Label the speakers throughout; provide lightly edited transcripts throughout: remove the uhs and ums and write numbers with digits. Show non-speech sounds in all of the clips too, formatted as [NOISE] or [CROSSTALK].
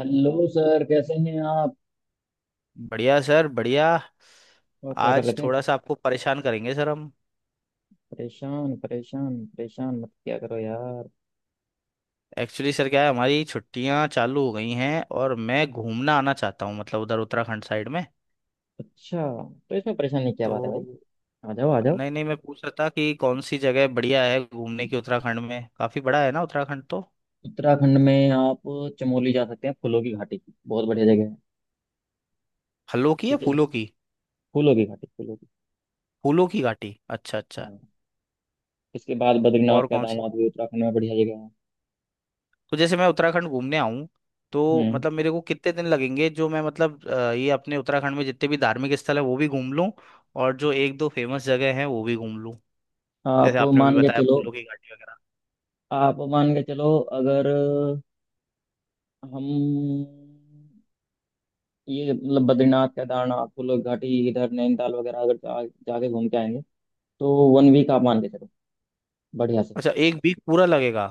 Speaker 1: Hello sir कैसे हैं आप?
Speaker 2: बढ़िया सर बढ़िया।
Speaker 1: और क्या कर
Speaker 2: आज
Speaker 1: रहे थे?
Speaker 2: थोड़ा सा आपको परेशान करेंगे सर हम।
Speaker 1: परेशान परेशान परेशान मत क्या करो यार।
Speaker 2: एक्चुअली सर क्या है, हमारी छुट्टियां चालू हो गई हैं और मैं घूमना आना चाहता हूँ, मतलब उधर उत्तराखंड साइड में।
Speaker 1: अच्छा तो इसमें परेशान नहीं, क्या
Speaker 2: तो
Speaker 1: बात है भाई। आ जाओ आ जाओ।
Speaker 2: नहीं नहीं, मैं पूछ रहा था कि कौन सी जगह बढ़िया है घूमने की, उत्तराखंड में काफी बड़ा है ना उत्तराखंड तो।
Speaker 1: उत्तराखंड में आप चमोली जा सकते हैं, फूलों की घाटी बहुत बढ़िया जगह है।
Speaker 2: फलों की या
Speaker 1: ठीक है।
Speaker 2: फूलों की?
Speaker 1: फूलों की घाटी, फूलों की।
Speaker 2: फूलों की घाटी, अच्छा अच्छा।
Speaker 1: हाँ। इसके बाद बद्रीनाथ
Speaker 2: और कौन?
Speaker 1: केदारनाथ भी उत्तराखंड में बढ़िया जगह है।
Speaker 2: तो जैसे मैं उत्तराखंड घूमने आऊं तो
Speaker 1: हम्म।
Speaker 2: मतलब मेरे को कितने दिन लगेंगे, जो मैं मतलब ये अपने उत्तराखंड में जितने भी धार्मिक स्थल है वो भी घूम लूं, और जो एक दो फेमस जगह है वो भी घूम लूं,
Speaker 1: आप
Speaker 2: जैसे आपने अभी
Speaker 1: मान के
Speaker 2: बताया
Speaker 1: चलो।
Speaker 2: फूलों की घाटी वगैरह।
Speaker 1: आप मान के चलो अगर हम ये मतलब बद्रीनाथ केदारनाथ फूलों की घाटी इधर नैनीताल वगैरह अगर जाके घूम के आएंगे तो 1 वीक आप मान के चलो बढ़िया से।
Speaker 2: अच्छा, एक वीक पूरा लगेगा?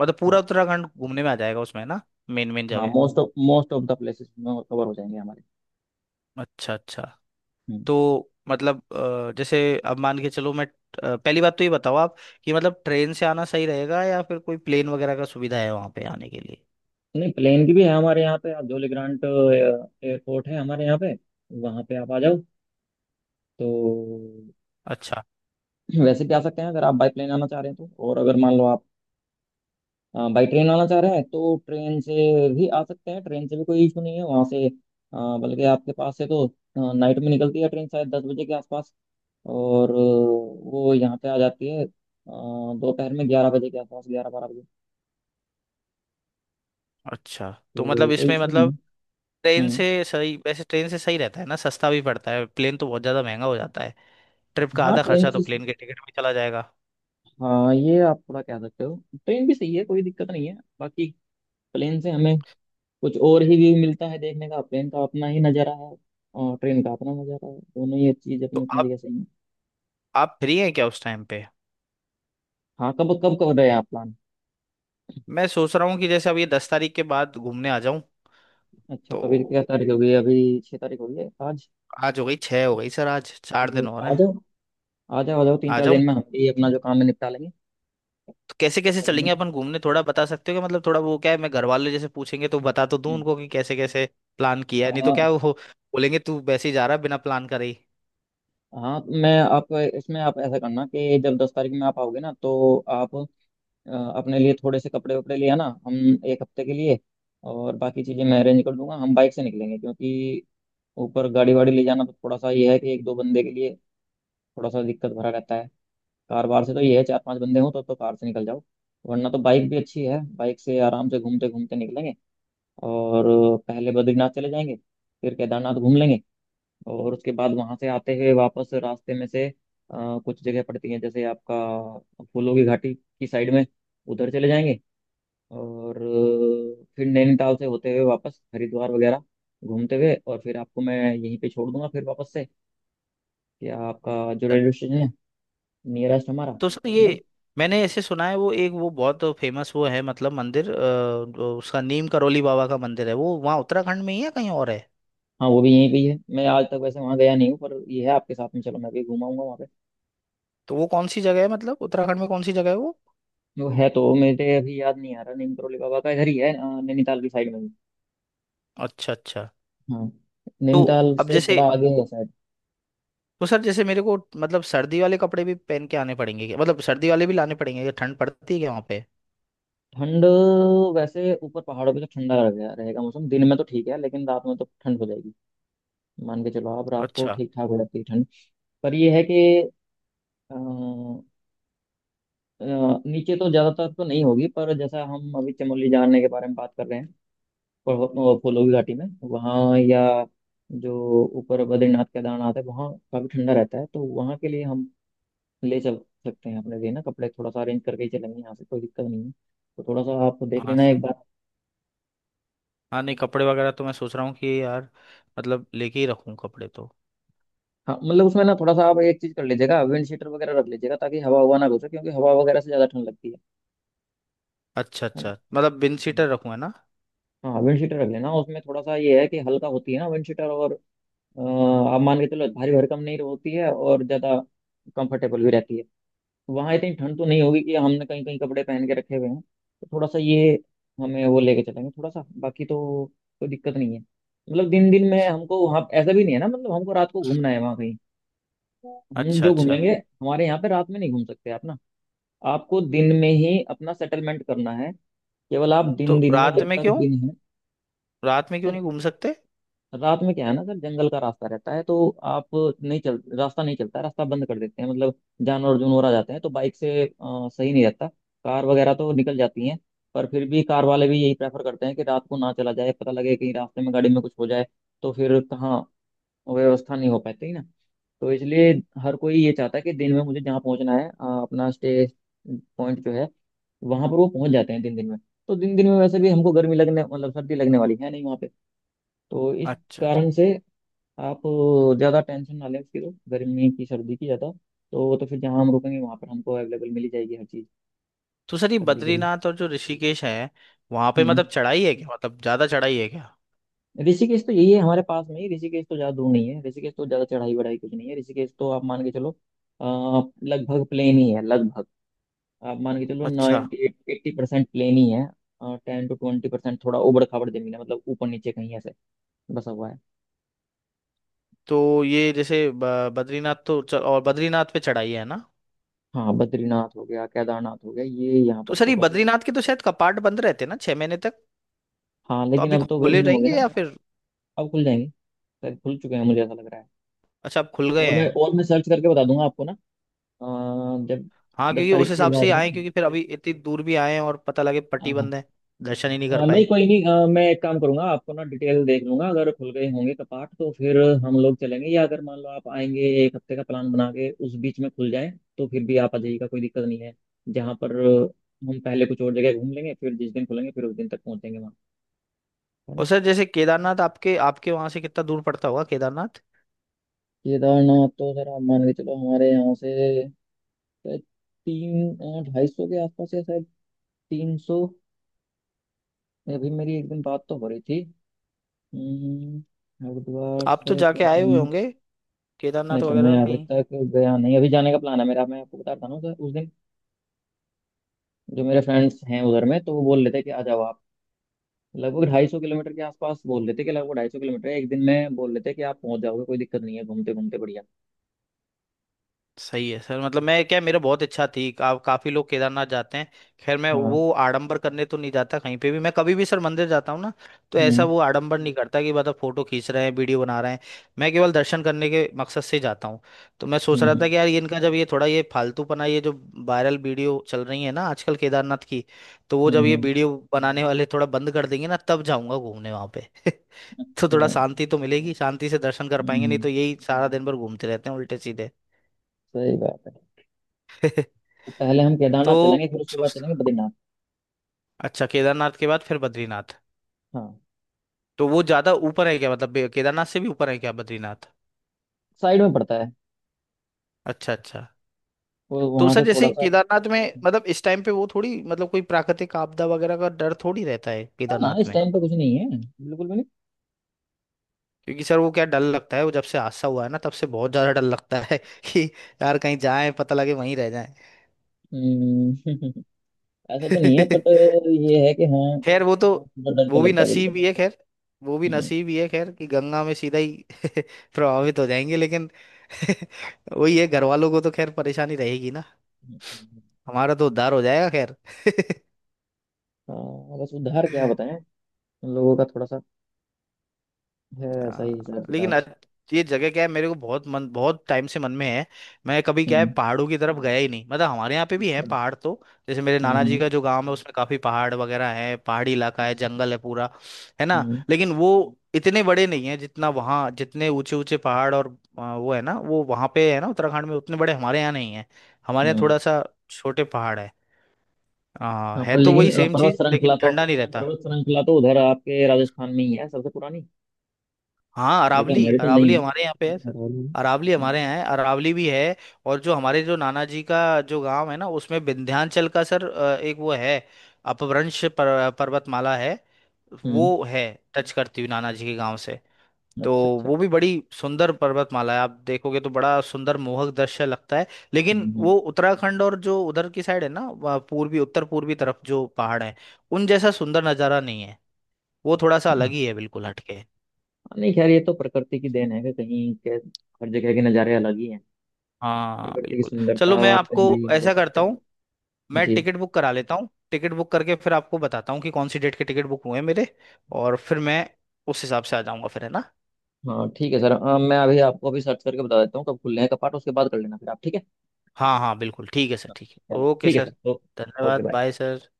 Speaker 2: मतलब पूरा
Speaker 1: हाँ।
Speaker 2: उत्तराखंड घूमने में आ जाएगा उसमें ना, मेन मेन
Speaker 1: हाँ
Speaker 2: जगह।
Speaker 1: मोस्ट ऑफ द प्लेसेस में कवर हो जाएंगे हमारे।
Speaker 2: अच्छा अच्छा।
Speaker 1: हम्म।
Speaker 2: तो मतलब जैसे अब मान के चलो मैं पहली बात तो ये बताओ आप कि मतलब ट्रेन से आना सही रहेगा या फिर कोई प्लेन वगैरह का सुविधा है वहां पे आने के लिए।
Speaker 1: नहीं, प्लेन की भी है हमारे यहाँ पे। आप जॉली ग्रांट एयरपोर्ट है हमारे यहाँ पे, वहाँ पे आप आ जाओ। तो
Speaker 2: अच्छा
Speaker 1: वैसे भी आ सकते हैं अगर आप बाई प्लेन आना चाह रहे हैं तो, और अगर मान लो आप बाई ट्रेन आना चाह रहे हैं तो ट्रेन से भी आ सकते हैं। ट्रेन से भी कोई इशू नहीं है वहाँ से। बल्कि आपके पास से तो नाइट में निकलती है ट्रेन, शायद 10 बजे के आसपास, और वो यहाँ पे आ जाती है दोपहर में, 11 बजे के आसपास, 11-12 बजे।
Speaker 2: अच्छा। तो
Speaker 1: तो
Speaker 2: मतलब
Speaker 1: कोई
Speaker 2: इसमें
Speaker 1: इशू नहीं
Speaker 2: मतलब
Speaker 1: है।
Speaker 2: ट्रेन
Speaker 1: हम्म।
Speaker 2: से सही, वैसे ट्रेन से सही रहता है ना, सस्ता भी पड़ता है, प्लेन तो बहुत ज़्यादा महंगा हो जाता है। ट्रिप का
Speaker 1: हाँ
Speaker 2: आधा
Speaker 1: ट्रेन
Speaker 2: खर्चा तो
Speaker 1: से।
Speaker 2: प्लेन के टिकट में चला जाएगा।
Speaker 1: हाँ ये आप थोड़ा कह सकते हो, ट्रेन भी सही है, कोई दिक्कत नहीं है। बाकी प्लेन से हमें कुछ और ही व्यू मिलता है देखने का, प्लेन का अपना ही नज़ारा है और ट्रेन का अपना नज़ारा है, दोनों ही चीज़ अपनी
Speaker 2: तो
Speaker 1: अपनी
Speaker 2: आप
Speaker 1: जगह सही है।
Speaker 2: आप फ्री हैं क्या उस टाइम पे?
Speaker 1: हाँ, कब कब कर रहे हैं आप प्लान?
Speaker 2: मैं सोच रहा हूँ कि जैसे अब ये 10 तारीख के बाद घूमने आ जाऊँ।
Speaker 1: अच्छा,
Speaker 2: तो
Speaker 1: तो अभी क्या तारीख हो गई? अभी 6 तारीख हो गई है आज।
Speaker 2: आज हो गई छः, हो गई सर, आज चार
Speaker 1: तो
Speaker 2: दिन हो रहे
Speaker 1: आ
Speaker 2: हैं।
Speaker 1: जाओ, आ जाओ आ जाओ, तीन
Speaker 2: आ
Speaker 1: चार
Speaker 2: जाऊँ?
Speaker 1: दिन में हम भी अपना जो काम है निपटा लेंगे।
Speaker 2: तो कैसे कैसे चलेंगे
Speaker 1: चलेंगे।
Speaker 2: अपन घूमने, थोड़ा बता सकते हो क्या? मतलब थोड़ा वो क्या है, मैं घर वाले जैसे पूछेंगे तो बता तो दूं
Speaker 1: हम्म।
Speaker 2: उनको कि कैसे कैसे प्लान किया है, नहीं तो
Speaker 1: हाँ।
Speaker 2: क्या वो बोलेंगे तू वैसे ही जा रहा है बिना प्लान करे ही।
Speaker 1: हाँ मैं, आप इसमें आप ऐसा करना कि जब 10 तारीख में आप आओगे ना तो आप अ, अपने लिए थोड़े से कपड़े वपड़े ले आना, हम 1 हफ्ते के लिए। और बाकी चीज़ें मैं अरेंज कर दूंगा। हम बाइक से निकलेंगे क्योंकि ऊपर गाड़ी वाड़ी ले जाना तो थोड़ा सा ये है कि 1-2 बंदे के लिए थोड़ा सा दिक्कत भरा रहता है। कार वार से तो ये है 4-5 बंदे हों तो कार से निकल जाओ, वरना तो बाइक भी अच्छी है, बाइक से आराम से घूमते घूमते निकलेंगे। और पहले बद्रीनाथ चले जाएंगे, फिर केदारनाथ घूम लेंगे, और उसके बाद वहां से आते हुए वापस रास्ते में से कुछ जगह पड़ती हैं जैसे आपका फूलों की घाटी की साइड में, उधर चले जाएंगे। और फिर नैनीताल से होते हुए वापस हरिद्वार वगैरह घूमते हुए, और फिर आपको मैं यहीं पे छोड़ दूंगा, फिर वापस से, कि आपका जो रेलवे स्टेशन है नियरेस्ट हमारा,
Speaker 2: तो सर ये
Speaker 1: बस।
Speaker 2: मैंने ऐसे सुना है, वो एक वो बहुत फेमस वो है, मतलब मंदिर जो उसका नीम करोली बाबा का मंदिर है, वो वहाँ उत्तराखंड में ही है कहीं और है?
Speaker 1: हाँ वो भी यहीं पे ही है, मैं आज तक वैसे वहाँ गया नहीं हूँ, पर ये है आपके साथ में चलो मैं भी घुमाऊंगा वहाँ पे।
Speaker 2: तो वो कौन सी जगह है, मतलब उत्तराखंड में कौन सी जगह है वो?
Speaker 1: वो है तो, मेरे अभी याद नहीं आ रहा। नीम करोली बाबा का इधर ही है, नैनीताल की साइड में ही।
Speaker 2: अच्छा अच्छा।
Speaker 1: हाँ।
Speaker 2: तो
Speaker 1: नैनीताल
Speaker 2: अब
Speaker 1: से
Speaker 2: जैसे,
Speaker 1: थोड़ा आगे ही है शायद।
Speaker 2: तो सर जैसे मेरे को मतलब सर्दी वाले कपड़े भी पहन के आने पड़ेंगे क्या, मतलब सर्दी वाले भी लाने पड़ेंगे क्या, ठंड पड़ती है क्या वहाँ पे?
Speaker 1: ठंड वैसे ऊपर पहाड़ों पे तो ठंडा रह गया रहेगा मौसम, दिन में तो ठीक है लेकिन रात में तो ठंड हो जाएगी। मान के चलो आप, रात को
Speaker 2: अच्छा।
Speaker 1: ठीक ठाक हो जाती है ठंड। पर ये है कि अ, अ, नीचे तो ज्यादातर तो नहीं होगी, पर जैसा हम अभी चमोली जाने के बारे में बात कर रहे हैं, फूलों की घाटी में वहाँ, या जो ऊपर बद्रीनाथ केदारनाथ है वहाँ काफी ठंडा रहता है, तो वहाँ के लिए हम ले चल सकते हैं, अपने लिए ना कपड़े थोड़ा सा अरेंज करके ही चलेंगे यहाँ से, कोई दिक्कत नहीं है। तो थोड़ा सा आप देख
Speaker 2: हाँ
Speaker 1: लेना एक
Speaker 2: सही।
Speaker 1: बार।
Speaker 2: हाँ नहीं, कपड़े वगैरह तो मैं सोच रहा हूँ कि यार मतलब लेके ही रखूँ कपड़े तो।
Speaker 1: हाँ मतलब उसमें ना थोड़ा सा आप एक चीज कर लीजिएगा, विंड शीटर वगैरह रख लीजिएगा ताकि हवा हुआ ना घुसे, क्योंकि हवा वगैरह से ज्यादा ठंड लगती है।
Speaker 2: अच्छा
Speaker 1: है ना।
Speaker 2: अच्छा, मतलब बिन
Speaker 1: हम्म।
Speaker 2: सीटर रखूँ, है ना?
Speaker 1: हाँ विंड शीटर रख लेना, उसमें थोड़ा सा ये है कि हल्का होती है ना विंड शीटर, और आप मान के चलो भारी भरकम नहीं होती है, और ज्यादा कंफर्टेबल भी रहती है। वहाँ इतनी ठंड तो नहीं होगी कि हमने कहीं कहीं कपड़े पहन के रखे हुए हैं, तो थोड़ा सा ये हमें वो लेके चलेंगे थोड़ा सा, बाकी तो कोई दिक्कत नहीं है। मतलब दिन दिन में हमको वहाँ ऐसा भी नहीं है ना, मतलब हमको रात को घूमना है वहाँ कहीं। हम
Speaker 2: अच्छा
Speaker 1: जो
Speaker 2: अच्छा।
Speaker 1: घूमेंगे, हमारे यहाँ पे रात में नहीं घूम सकते आप ना, आपको दिन में ही अपना सेटलमेंट करना है, केवल आप दिन
Speaker 2: तो
Speaker 1: दिन में,
Speaker 2: रात
Speaker 1: जब
Speaker 2: में
Speaker 1: तक
Speaker 2: क्यों,
Speaker 1: दिन है।
Speaker 2: रात में क्यों
Speaker 1: सर
Speaker 2: नहीं घूम सकते?
Speaker 1: रात में क्या है ना सर, जंगल का रास्ता रहता है तो आप, नहीं चल रास्ता नहीं चलता है, रास्ता बंद कर देते हैं मतलब। जानवर जुनवर आ जाते हैं तो बाइक से सही नहीं रहता। कार वगैरह तो निकल जाती हैं, पर फिर भी कार वाले भी यही प्रेफर करते हैं कि रात को ना चला जाए, पता लगे कहीं रास्ते में गाड़ी में कुछ हो जाए तो फिर कहाँ व्यवस्था नहीं हो पाती ना। तो इसलिए हर कोई ये चाहता है कि दिन में मुझे जहाँ पहुँचना है अपना स्टे पॉइंट जो है, वहां पर वो पहुंच जाते हैं दिन दिन में। तो दिन दिन में वैसे भी हमको गर्मी लगने मतलब सर्दी लगने वाली है नहीं वहां पे, तो इस
Speaker 2: अच्छा अच्छा।
Speaker 1: कारण से आप ज़्यादा टेंशन ना लें उसकी, तो गर्मी की सर्दी की ज़्यादा तो। तो फिर जहाँ हम रुकेंगे वहाँ पर हमको अवेलेबल मिली जाएगी हर चीज़
Speaker 2: तो सर ये
Speaker 1: सर्दी के लिए।
Speaker 2: बद्रीनाथ और जो ऋषिकेश है वहां पे मतलब
Speaker 1: हम्म।
Speaker 2: चढ़ाई है क्या, मतलब ज्यादा चढ़ाई है क्या?
Speaker 1: ऋषिकेश तो यही है हमारे पास में ही, ऋषिकेश तो ज़्यादा दूर नहीं है, ऋषिकेश तो ज़्यादा चढ़ाई बढ़ाई कुछ नहीं है। ऋषिकेश तो आप मान के चलो अ, लगभग प्लेन ही है लगभग। आप मान के चलो
Speaker 2: अच्छा।
Speaker 1: 90-80% प्लेन ही है, 10-20% थोड़ा उबड़ खाबड़ जमीन है मतलब ऊपर नीचे कहीं ऐसे बसा हुआ है।
Speaker 2: तो ये जैसे बद्रीनाथ तो और बद्रीनाथ पे चढ़ाई है ना?
Speaker 1: हाँ बद्रीनाथ हो गया, केदारनाथ हो गया, ये यहाँ
Speaker 2: तो
Speaker 1: पर
Speaker 2: सर
Speaker 1: तो
Speaker 2: ये
Speaker 1: बस।
Speaker 2: बद्रीनाथ के तो शायद कपाट बंद रहते हैं ना 6 महीने तक।
Speaker 1: हाँ
Speaker 2: तो
Speaker 1: लेकिन
Speaker 2: अभी
Speaker 1: अब तो
Speaker 2: खुले
Speaker 1: गर्मी होगी
Speaker 2: रहेंगे
Speaker 1: ना।
Speaker 2: या
Speaker 1: हाँ,
Speaker 2: फिर?
Speaker 1: अब खुल जाएंगे। शायद भूल चुके हैं, मुझे ऐसा लग रहा है।
Speaker 2: अच्छा, अब खुल गए
Speaker 1: और मैं
Speaker 2: हैं?
Speaker 1: और मैं सर्च करके बता दूंगा आपको ना, अ, जब
Speaker 2: हाँ,
Speaker 1: दस
Speaker 2: क्योंकि उस
Speaker 1: तारीख के
Speaker 2: हिसाब से
Speaker 1: बाद
Speaker 2: ही
Speaker 1: में ना।
Speaker 2: आए, क्योंकि फिर अभी इतनी दूर भी आए हैं और पता लगे
Speaker 1: हाँ
Speaker 2: पट्टी
Speaker 1: हाँ।
Speaker 2: बंद है, दर्शन ही नहीं कर
Speaker 1: नहीं
Speaker 2: पाए।
Speaker 1: कोई नहीं। मैं एक काम करूंगा आपको ना, डिटेल देख लूंगा, अगर खुल गए होंगे कपाट तो फिर हम लोग चलेंगे, या अगर मान लो आप आएंगे 1 हफ्ते का प्लान बना के, उस बीच में खुल जाए तो फिर भी आप आ जाइएगा, कोई दिक्कत नहीं है। जहाँ पर हम पहले कुछ और जगह घूम लेंगे, फिर जिस दिन खुलेंगे फिर उस दिन तक पहुंचेंगे वहाँ, है ना?
Speaker 2: और सर जैसे केदारनाथ आपके आपके वहां से कितना दूर पड़ता होगा, केदारनाथ?
Speaker 1: केदारनाथ तो जरा मान के चलो, हमारे यहाँ से शायद तीन, 250 के आसपास, या शायद 300। अभी मेरी एक दिन बात तो हो रही थी। हम्म, हरिद्वार
Speaker 2: तो आप तो
Speaker 1: से
Speaker 2: जाके आए हुए
Speaker 1: केदारनाथ।
Speaker 2: होंगे
Speaker 1: नहीं
Speaker 2: केदारनाथ
Speaker 1: सर, मैं
Speaker 2: वगैरह
Speaker 1: अभी
Speaker 2: कहीं?
Speaker 1: तक गया नहीं, अभी जाने का प्लान है मेरा। मैं आपको बता रहा हूँ सर, उस दिन जो मेरे फ्रेंड्स हैं उधर में, तो वो बोल लेते कि आ जाओ आप, लगभग 250 किलोमीटर के आसपास, बोल लेते कि लगभग 250 किलोमीटर है। एक दिन में बोल लेते कि आप पहुंच जाओगे, कोई दिक्कत नहीं है, घूमते घूमते बढ़िया।
Speaker 2: सही है सर, मतलब मैं क्या, मेरा बहुत इच्छा थी, काफी लोग केदारनाथ जाते हैं। खैर मैं
Speaker 1: हाँ।
Speaker 2: वो आडंबर करने तो नहीं जाता कहीं पे भी, मैं कभी भी सर मंदिर जाता हूँ ना तो ऐसा
Speaker 1: हम्म
Speaker 2: वो आडंबर नहीं करता कि मतलब फोटो खींच रहे हैं, वीडियो बना रहे हैं। मैं केवल दर्शन करने के मकसद से जाता हूँ। तो मैं सोच रहा
Speaker 1: हम्म।
Speaker 2: था कि यार ये इनका जब ये थोड़ा ये फालतूपना, ये जो वायरल वीडियो चल रही है ना आजकल केदारनाथ की, तो वो जब
Speaker 1: हम्म
Speaker 2: ये
Speaker 1: हम्म,
Speaker 2: वीडियो बनाने वाले थोड़ा बंद कर देंगे ना तब जाऊंगा घूमने वहां पे [LAUGHS] तो थोड़ा
Speaker 1: अच्छा।
Speaker 2: शांति तो मिलेगी, शांति से दर्शन कर पाएंगे, नहीं
Speaker 1: हम्म।
Speaker 2: तो यही सारा दिन भर घूमते रहते हैं उल्टे सीधे।
Speaker 1: सही बात है।
Speaker 2: [LAUGHS]
Speaker 1: तो पहले हम केदारनाथ
Speaker 2: तो
Speaker 1: चलेंगे, फिर उसके बाद
Speaker 2: सोच,
Speaker 1: चलेंगे बद्रीनाथ।
Speaker 2: अच्छा केदारनाथ के बाद फिर बद्रीनाथ?
Speaker 1: हाँ।
Speaker 2: तो वो ज्यादा ऊपर है क्या, मतलब केदारनाथ से भी ऊपर है क्या बद्रीनाथ?
Speaker 1: साइड में पड़ता है,
Speaker 2: अच्छा अच्छा।
Speaker 1: वो
Speaker 2: तो
Speaker 1: वहां से
Speaker 2: सर
Speaker 1: थोड़ा
Speaker 2: जैसे
Speaker 1: सा।
Speaker 2: केदारनाथ में मतलब इस टाइम पे वो थोड़ी मतलब कोई प्राकृतिक आपदा वगैरह का डर थोड़ी रहता है
Speaker 1: ना ना
Speaker 2: केदारनाथ
Speaker 1: इस
Speaker 2: में?
Speaker 1: टाइम पे कुछ नहीं है, बिल्कुल भी नहीं।
Speaker 2: क्योंकि सर वो क्या, डर लगता है वो, जब से हादसा हुआ है ना तब से बहुत ज्यादा डर लगता है [LAUGHS] कि यार कहीं जाए पता लगे वहीं रह
Speaker 1: हम्म, [LAUGHS] ऐसा तो नहीं है
Speaker 2: जाए
Speaker 1: बट,
Speaker 2: [LAUGHS]
Speaker 1: ये है कि हाँ,
Speaker 2: खैर वो तो,
Speaker 1: थोड़ा डर तो
Speaker 2: वो भी
Speaker 1: लगता है बिल्कुल।
Speaker 2: नसीब ही है खैर, वो भी
Speaker 1: हम्म,
Speaker 2: नसीब ही है खैर, कि गंगा में सीधा ही [LAUGHS] प्रभावित हो जाएंगे, लेकिन [LAUGHS] वही है, घर वालों को तो खैर परेशानी रहेगी ना,
Speaker 1: हम्म, हम्म।
Speaker 2: हमारा तो उद्धार हो जाएगा खैर।
Speaker 1: हाँ बस उधार क्या
Speaker 2: [LAUGHS]
Speaker 1: बताएं, लोगों का थोड़ा सा है ऐसा
Speaker 2: हाँ।
Speaker 1: ही हिसाब
Speaker 2: लेकिन
Speaker 1: किताब।
Speaker 2: ये जगह क्या है, मेरे को बहुत मन, बहुत टाइम से मन में है। मैं कभी क्या है
Speaker 1: हम्म।
Speaker 2: पहाड़ों की तरफ गया ही नहीं, मतलब हमारे यहाँ पे भी है
Speaker 1: अच्छा।
Speaker 2: पहाड़ तो, जैसे मेरे नाना
Speaker 1: हम्म।
Speaker 2: जी का जो गांव है उसमें काफी पहाड़ वगैरह है, पहाड़ी इलाका है,
Speaker 1: अच्छा।
Speaker 2: जंगल है पूरा, है ना?
Speaker 1: हम्म
Speaker 2: लेकिन वो इतने बड़े नहीं है जितना वहाँ, जितने ऊंचे ऊंचे पहाड़ और वो है ना, वो वहाँ पे है ना उत्तराखंड में, उतने बड़े हमारे यहाँ नहीं है। हमारे यहाँ
Speaker 1: हम्म।
Speaker 2: थोड़ा सा छोटे पहाड़ है,
Speaker 1: हाँ
Speaker 2: है
Speaker 1: पर
Speaker 2: तो
Speaker 1: लेकिन
Speaker 2: वही सेम
Speaker 1: पर्वत
Speaker 2: चीज लेकिन
Speaker 1: श्रृंखला तो,
Speaker 2: ठंडा नहीं रहता।
Speaker 1: पर्वत श्रृंखला तो उधर आपके राजस्थान में ही है, सबसे पुरानी।
Speaker 2: हाँ
Speaker 1: ये तो
Speaker 2: अरावली,
Speaker 1: हमारी तो नहीं
Speaker 2: अरावली हमारे यहाँ पे है
Speaker 1: है।
Speaker 2: सर,
Speaker 1: हम्म।
Speaker 2: अरावली हमारे यहाँ है, अरावली भी है। और जो हमारे, जो नाना जी का जो गांव है ना उसमें विंध्याचल का सर एक वो है, अपभ्रंश पर्वतमाला है,
Speaker 1: हम्म,
Speaker 2: वो है टच करती हुई नाना जी के गांव से। तो
Speaker 1: अच्छा अच्छा।
Speaker 2: वो भी बड़ी सुंदर पर्वतमाला है, आप देखोगे तो बड़ा सुंदर मोहक दृश्य लगता है। लेकिन
Speaker 1: हम्म।
Speaker 2: वो उत्तराखंड और जो उधर की साइड है ना, वहाँ पूर्वी उत्तर पूर्वी तरफ जो पहाड़ है उन जैसा सुंदर नज़ारा नहीं है, वो थोड़ा सा अलग
Speaker 1: हम्म।
Speaker 2: ही है, बिल्कुल हटके है।
Speaker 1: नहीं खैर ये तो प्रकृति की देन है कि कहीं के, हर जगह के नज़ारे अलग ही हैं।
Speaker 2: हाँ
Speaker 1: प्रकृति की
Speaker 2: बिल्कुल।
Speaker 1: सुंदरता
Speaker 2: चलो मैं
Speaker 1: आप
Speaker 2: आपको
Speaker 1: कहीं भी नहीं कह
Speaker 2: ऐसा करता
Speaker 1: सकते।
Speaker 2: हूँ, मैं
Speaker 1: जी।
Speaker 2: टिकट बुक करा लेता हूँ, टिकट बुक करके फिर आपको बताता हूँ कि कौन सी डेट के टिकट बुक हुए हैं मेरे, और फिर मैं उस हिसाब से आ जाऊंगा फिर, है ना?
Speaker 1: हाँ ठीक है सर। मैं अभी आपको अभी सर्च करके बता देता हूँ कब खुल रहे हैं कपाट, उसके बाद कर लेना फिर आप, ठीक है।
Speaker 2: हाँ हाँ, बिल्कुल ठीक है सर, ठीक है,
Speaker 1: चलो
Speaker 2: ओके
Speaker 1: ठीक है
Speaker 2: सर।
Speaker 1: सर। ओके
Speaker 2: धन्यवाद,
Speaker 1: बाय।
Speaker 2: Bye sir.